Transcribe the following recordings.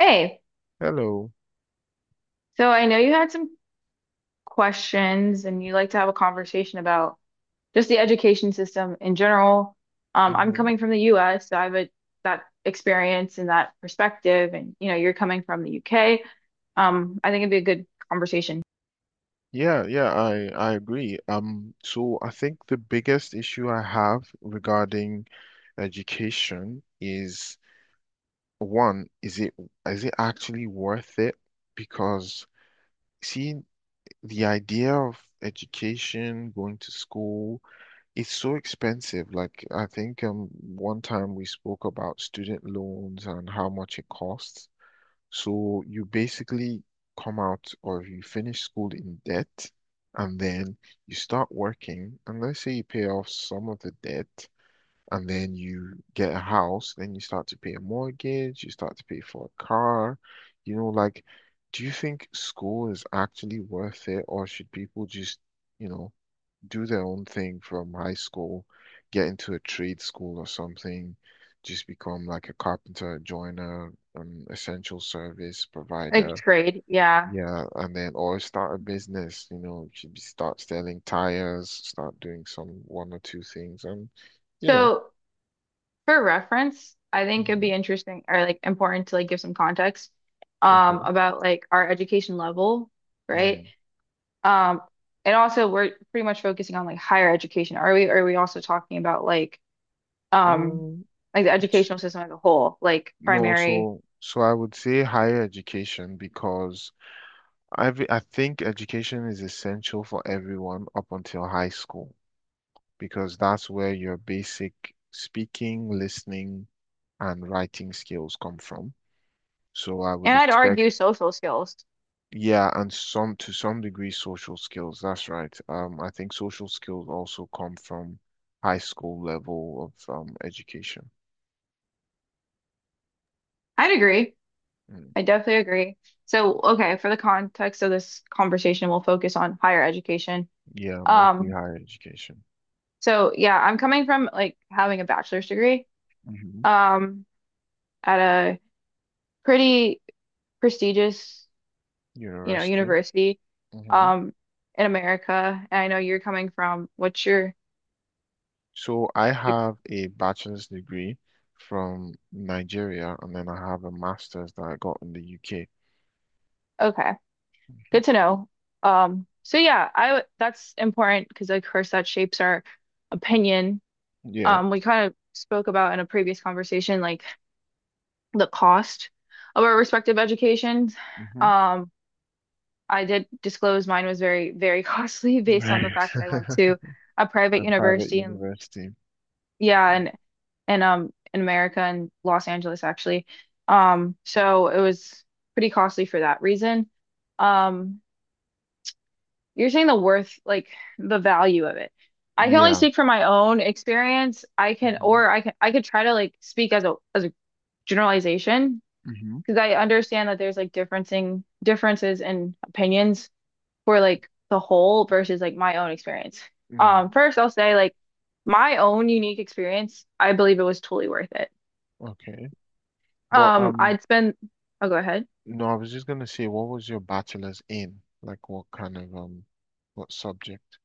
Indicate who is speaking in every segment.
Speaker 1: Hey,
Speaker 2: Hello.
Speaker 1: so I know you had some questions and you like to have a conversation about just the education system in general. I'm
Speaker 2: hmm
Speaker 1: coming from the US, so I have a, that experience and that perspective, and you know, you're coming from the UK. I think it'd be a good conversation.
Speaker 2: Yeah, yeah, I agree. So I think the biggest issue I have regarding education is one, is it actually worth it? Because see, the idea of education, going to school, it's so expensive. Like I think one time we spoke about student loans and how much it costs. So you basically come out or you finish school in debt and then you start working. And let's say you pay off some of the debt and then you get a house, then you start to pay a mortgage, you start to pay for a car. You know, like, do you think school is actually worth it or should people just, you know, do their own thing from high school, get into a trade school or something, just become like a carpenter, joiner, an essential service
Speaker 1: Like
Speaker 2: provider.
Speaker 1: trade, yeah.
Speaker 2: Yeah, and then or start a business, you know, you should be- start selling tires, start doing some one or two things and you know.
Speaker 1: So for reference, I think it'd be
Speaker 2: Mhm.
Speaker 1: interesting or like important to like give some context
Speaker 2: Okay.
Speaker 1: about like our education level, right?
Speaker 2: Mm.
Speaker 1: Um, and also we're pretty much focusing on like higher education. Are we also talking about um
Speaker 2: Mm,
Speaker 1: like the educational
Speaker 2: s-
Speaker 1: system as a whole, like
Speaker 2: No,
Speaker 1: primary
Speaker 2: so I would say higher education because I think education is essential for everyone up until high school. Because that's where your basic speaking, listening, and writing skills come from. So I would
Speaker 1: and I'd
Speaker 2: expect,
Speaker 1: argue social skills.
Speaker 2: yeah, and some to some degree social skills. That's right. I think social skills also come from high school level of education.
Speaker 1: I'd agree.
Speaker 2: Mm.
Speaker 1: I definitely agree. So, okay, for the context of this conversation, we'll focus on higher education.
Speaker 2: Yeah, mostly
Speaker 1: Um,
Speaker 2: higher education.
Speaker 1: so yeah, I'm coming from like having a bachelor's degree
Speaker 2: Hmm.
Speaker 1: um at a pretty prestigious you know,
Speaker 2: University.
Speaker 1: university
Speaker 2: Hmm.
Speaker 1: um in America. And I know you're coming from what's your
Speaker 2: So I have a bachelor's degree from Nigeria, and then I have a master's that I got in the UK.
Speaker 1: okay,
Speaker 2: Mhm.
Speaker 1: good to know. So yeah, that's important because of course that shapes our opinion.
Speaker 2: Yeah.
Speaker 1: We kind of spoke about in a previous conversation like the cost of our respective educations.
Speaker 2: Hmm.
Speaker 1: Um I did disclose mine was very, very costly based on
Speaker 2: Right.
Speaker 1: the fact that I went to a private
Speaker 2: A private
Speaker 1: university and
Speaker 2: university.
Speaker 1: yeah, and in America and Los Angeles actually. So it was pretty costly for that reason. Um, you're saying the worth, like the value of it. I can only
Speaker 2: Yeah.
Speaker 1: speak from my own experience. I can,
Speaker 2: Hmm.
Speaker 1: or I can, I could try to like speak as a generalization
Speaker 2: Hmm.
Speaker 1: because I understand that there's like differencing differences in opinions for like the whole versus like my own experience.
Speaker 2: Mm,
Speaker 1: First I'll say like my own unique experience, I believe it was totally worth it.
Speaker 2: okay. But
Speaker 1: Um, I'd spend, oh, go ahead.
Speaker 2: No, I was just gonna say, what was your bachelor's in? Like, what kind of what subject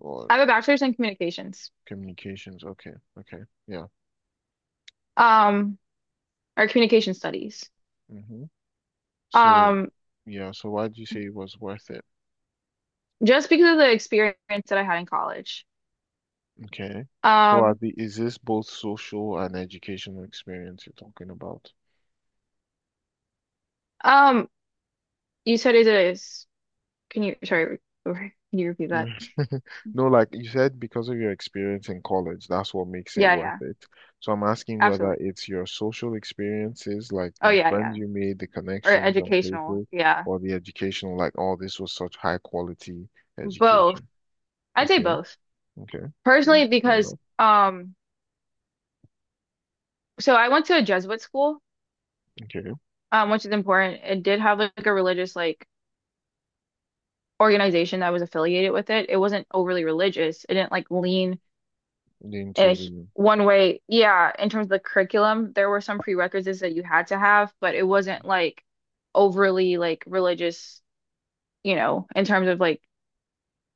Speaker 2: or
Speaker 1: I have a bachelor's in communications,
Speaker 2: communications? Okay. Okay. Yeah.
Speaker 1: um, or communication studies.
Speaker 2: Hmm. So,
Speaker 1: Um,
Speaker 2: yeah. So, why do you say it was worth it?
Speaker 1: just because of the experience that I had in college.
Speaker 2: Okay. So, are
Speaker 1: Um,
Speaker 2: the is this both social and educational experience you're talking about?
Speaker 1: um, you said it is. Can you, sorry, can you repeat that?
Speaker 2: Mm. No, like you said, because of your experience in college, that's what makes it
Speaker 1: Yeah,
Speaker 2: worth
Speaker 1: yeah,
Speaker 2: it. So I'm asking whether
Speaker 1: absolutely.
Speaker 2: it's your social experiences, like
Speaker 1: Oh,
Speaker 2: the
Speaker 1: yeah,
Speaker 2: friends
Speaker 1: yeah.
Speaker 2: you made, the
Speaker 1: Or
Speaker 2: connections and
Speaker 1: educational.
Speaker 2: places,
Speaker 1: Yeah.
Speaker 2: or the educational, like, oh, this was such high quality
Speaker 1: Both.
Speaker 2: education.
Speaker 1: I'd say
Speaker 2: Okay,
Speaker 1: both.
Speaker 2: okay. Mm,
Speaker 1: Personally,
Speaker 2: fair
Speaker 1: because,
Speaker 2: enough.
Speaker 1: so I went to a Jesuit school,
Speaker 2: Okay.
Speaker 1: which is important. It did have like a religious, like, organization that was affiliated with it. It wasn't overly religious. It didn't like lean in a,
Speaker 2: Into the.
Speaker 1: one way. Yeah, in terms of the curriculum, there were some prerequisites that you had to have, but it wasn't like overly like religious, you know, in terms of like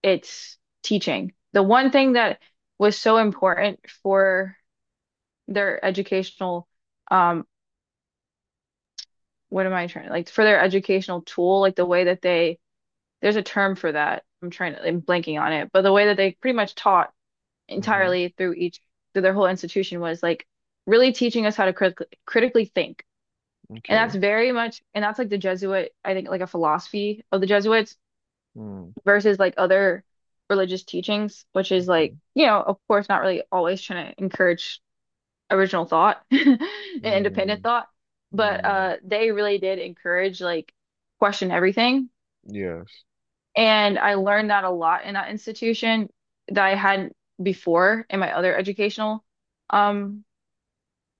Speaker 1: its teaching. The one thing that was so important for their educational, um, what am I trying like for their educational tool, like the way that they, there's a term for that. I'm blanking on it, but the way that they pretty much taught
Speaker 2: Hmm.
Speaker 1: entirely through each through their whole institution was like really teaching us how to critically think.
Speaker 2: Okay.
Speaker 1: And that's like the Jesuit, I think, like a philosophy of the Jesuits
Speaker 2: Mm,
Speaker 1: versus like other religious teachings, which is like,
Speaker 2: okay.
Speaker 1: you know, of course, not really always trying to encourage original thought and independent
Speaker 2: Mm,
Speaker 1: thought, but
Speaker 2: mm,
Speaker 1: they really did encourage like question everything.
Speaker 2: yes.
Speaker 1: And I learned that a lot in that institution that I hadn't before in my other educational um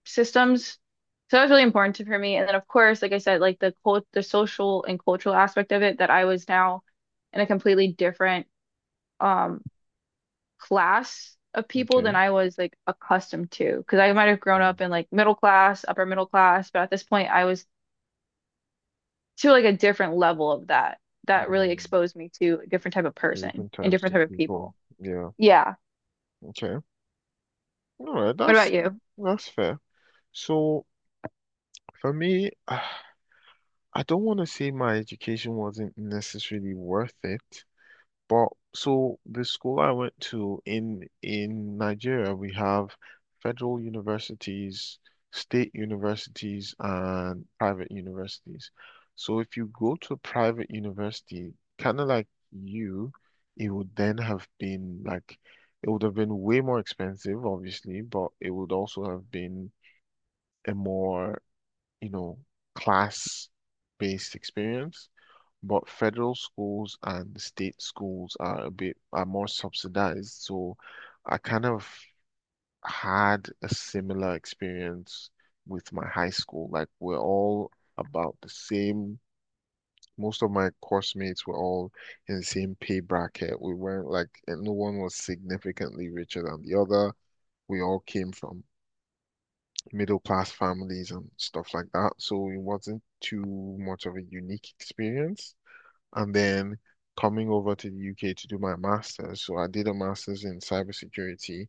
Speaker 1: systems. So that was really important to, for me. And then of course, like I said, like the social and cultural aspect of it, that I was now in a completely different um class of people than
Speaker 2: Okay.
Speaker 1: I was like accustomed to. Because I might have grown
Speaker 2: Mm,
Speaker 1: up in like middle class, upper middle class, but at this point I was to like a different level of that. That really
Speaker 2: mm.
Speaker 1: exposed me to a different type of
Speaker 2: So
Speaker 1: person
Speaker 2: different
Speaker 1: and
Speaker 2: types
Speaker 1: different
Speaker 2: of
Speaker 1: type of
Speaker 2: people.
Speaker 1: people.
Speaker 2: Yeah.
Speaker 1: Yeah.
Speaker 2: Okay. All right,
Speaker 1: What about
Speaker 2: that's
Speaker 1: you?
Speaker 2: that's fair. So for me, I don't want to say my education wasn't necessarily worth it, but so the school I went to in Nigeria, we have federal universities, state universities, and private universities. So if you go to a private university, kind of like you, it would then have been like it would have been way more expensive, obviously, but it would also have been a more, you know, class-based experience. But federal schools and state schools are a bit are more subsidized. So I kind of had a similar experience with my high school. Like we're all about the same. Most of my course mates were all in the same pay bracket. We weren't like, and no one was significantly richer than the other. We all came from middle class families and stuff like that. So it wasn't too much of a unique experience. And then coming over to the UK to do my master's. So I did a master's in cybersecurity,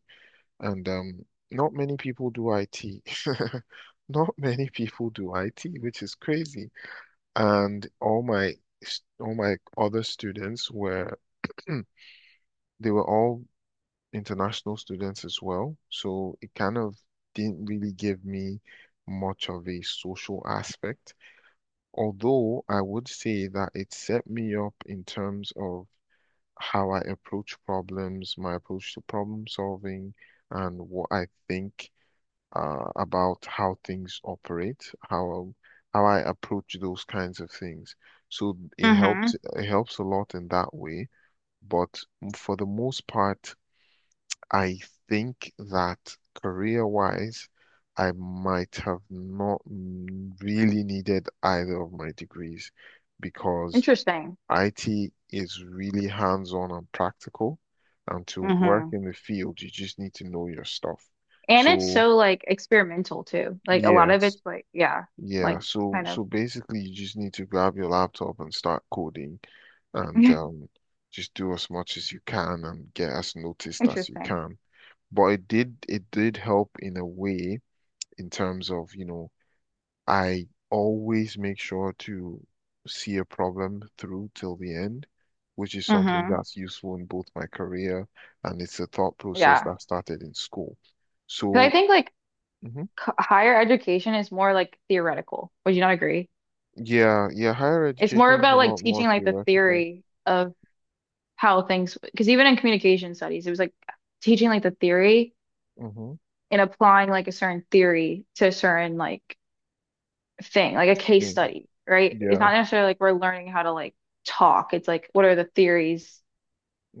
Speaker 2: and not many people do IT. Not many people do IT, which is crazy. And all my other students were they were all international students as well. So it kind of didn't really give me much of a social aspect. Although I would say that it set me up in terms of how I approach problems, my approach to problem solving, and what I think about how things operate, how I approach those kinds of things. So
Speaker 1: Mm-hmm.
Speaker 2: it helps a lot in that way. But for the most part, I think that career-wise, I might have not really needed either of my degrees because
Speaker 1: Interesting.
Speaker 2: IT is really hands-on and practical. And to work
Speaker 1: Mm-hmm.
Speaker 2: in the field, you just need to know your stuff.
Speaker 1: And it's
Speaker 2: So,
Speaker 1: so like experimental too. Like a lot of
Speaker 2: yes,
Speaker 1: it's like, yeah,
Speaker 2: yeah.
Speaker 1: like
Speaker 2: So,
Speaker 1: kind of
Speaker 2: so basically, you just need to grab your laptop and start coding and just do as much as you can and get as noticed as you
Speaker 1: interesting.
Speaker 2: can. But it did help in a way in terms of, you know, I always make sure to see a problem through till the end, which is something
Speaker 1: Hmm
Speaker 2: that's useful in both my career and it's a thought process
Speaker 1: Yeah.
Speaker 2: that started in school.
Speaker 1: Because I
Speaker 2: So,
Speaker 1: think like
Speaker 2: mhm.
Speaker 1: c higher education is more like theoretical. Would you not agree?
Speaker 2: Yeah, yeah, higher
Speaker 1: It's more
Speaker 2: education is a
Speaker 1: about like
Speaker 2: lot more
Speaker 1: teaching like the
Speaker 2: theoretical.
Speaker 1: theory of how things, because even in communication studies, it was like teaching like the theory
Speaker 2: Mm-hmm.
Speaker 1: and applying like a certain theory to a certain like thing, like a case study, right? It's
Speaker 2: Yeah,
Speaker 1: not necessarily like we're learning how to like talk. It's like, what are the theories?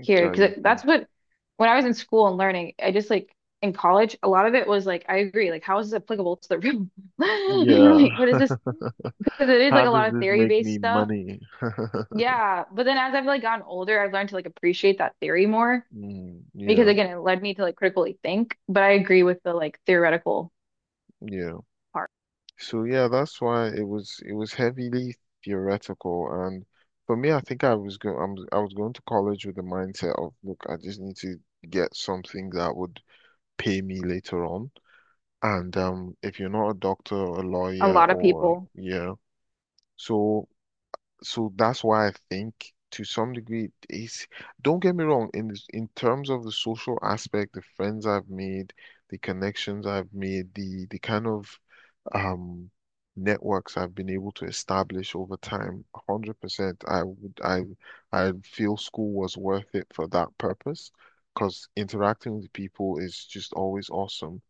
Speaker 1: Here because that's what when I was in school and learning, I just like in college, a lot of it was like I agree, like how is this applicable to the room?
Speaker 2: Yeah.
Speaker 1: Like what is this? Because it is
Speaker 2: How
Speaker 1: like a
Speaker 2: does
Speaker 1: lot of
Speaker 2: this
Speaker 1: theory
Speaker 2: make
Speaker 1: based
Speaker 2: me
Speaker 1: stuff.
Speaker 2: money?
Speaker 1: Yeah, but then as I've like gotten older, I've learned to like appreciate that theory more
Speaker 2: Mm,
Speaker 1: because
Speaker 2: yeah,
Speaker 1: again, it led me to like critically think. But I agree with the like theoretical
Speaker 2: yeah.
Speaker 1: part.
Speaker 2: So yeah, that's why it was heavily theoretical, and for me, I think I was going to college with the mindset of look, I just need to get something that would pay me later on. And if you're not a doctor or a
Speaker 1: A
Speaker 2: lawyer
Speaker 1: lot of
Speaker 2: or
Speaker 1: people,
Speaker 2: yeah, so so that's why I think to some degree it's don't get me wrong in this, in terms of the social aspect, the friends I've made, the connections I've made, the kind of um networks I've been able to establish over time, 100%, I would I feel school was worth it for that purpose because interacting with people is just always awesome.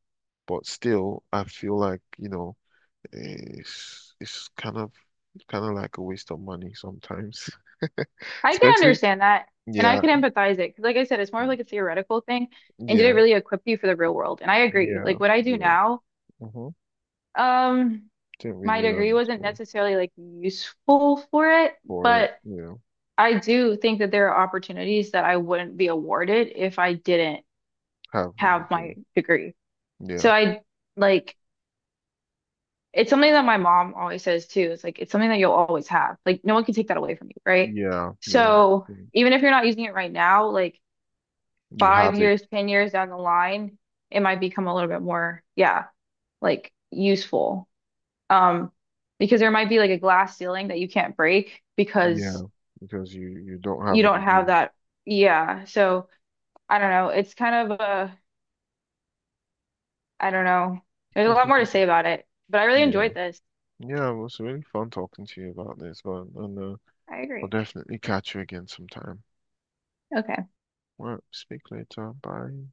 Speaker 2: But still, I feel like, you know, it's kind of like a waste of money sometimes,
Speaker 1: I can
Speaker 2: especially
Speaker 1: understand that and I
Speaker 2: yeah,
Speaker 1: can empathize it because like I said, it's more of like a theoretical thing. And did it
Speaker 2: yeah,
Speaker 1: really equip you for the real world? And I agree.
Speaker 2: yeah,
Speaker 1: Like what I do
Speaker 2: yeah.
Speaker 1: now,
Speaker 2: Mm-hmm.
Speaker 1: um,
Speaker 2: Didn't really
Speaker 1: my
Speaker 2: learn
Speaker 1: degree
Speaker 2: in
Speaker 1: wasn't
Speaker 2: school
Speaker 1: necessarily like useful for it,
Speaker 2: for it,
Speaker 1: but
Speaker 2: you know,
Speaker 1: I do think that there are opportunities that I wouldn't be awarded if I didn't
Speaker 2: have a
Speaker 1: have my
Speaker 2: degree.
Speaker 1: degree.
Speaker 2: Yeah,
Speaker 1: So I like it's something that my mom always says too. It's like it's something that you'll always have. Like no one can take that away from you, right?
Speaker 2: yeah, yeah.
Speaker 1: So
Speaker 2: Yeah.
Speaker 1: even if you're not using it right now, like
Speaker 2: You have
Speaker 1: five
Speaker 2: it.
Speaker 1: years, 10 years down the line, it might become a little bit more, yeah, like useful. Um, because there might be like a glass ceiling that you can't break because
Speaker 2: Yeah, because you don't have
Speaker 1: you
Speaker 2: a
Speaker 1: don't have
Speaker 2: degree.
Speaker 1: that. Yeah. So I don't know. It's kind of a, I don't know. There's a lot more to say about it, but I really
Speaker 2: Yeah.
Speaker 1: enjoyed this.
Speaker 2: Yeah, well, it's really fun talking to you about this, but and
Speaker 1: I
Speaker 2: I'll
Speaker 1: agree.
Speaker 2: definitely catch you again sometime.
Speaker 1: Okay.
Speaker 2: Well, speak later. Bye.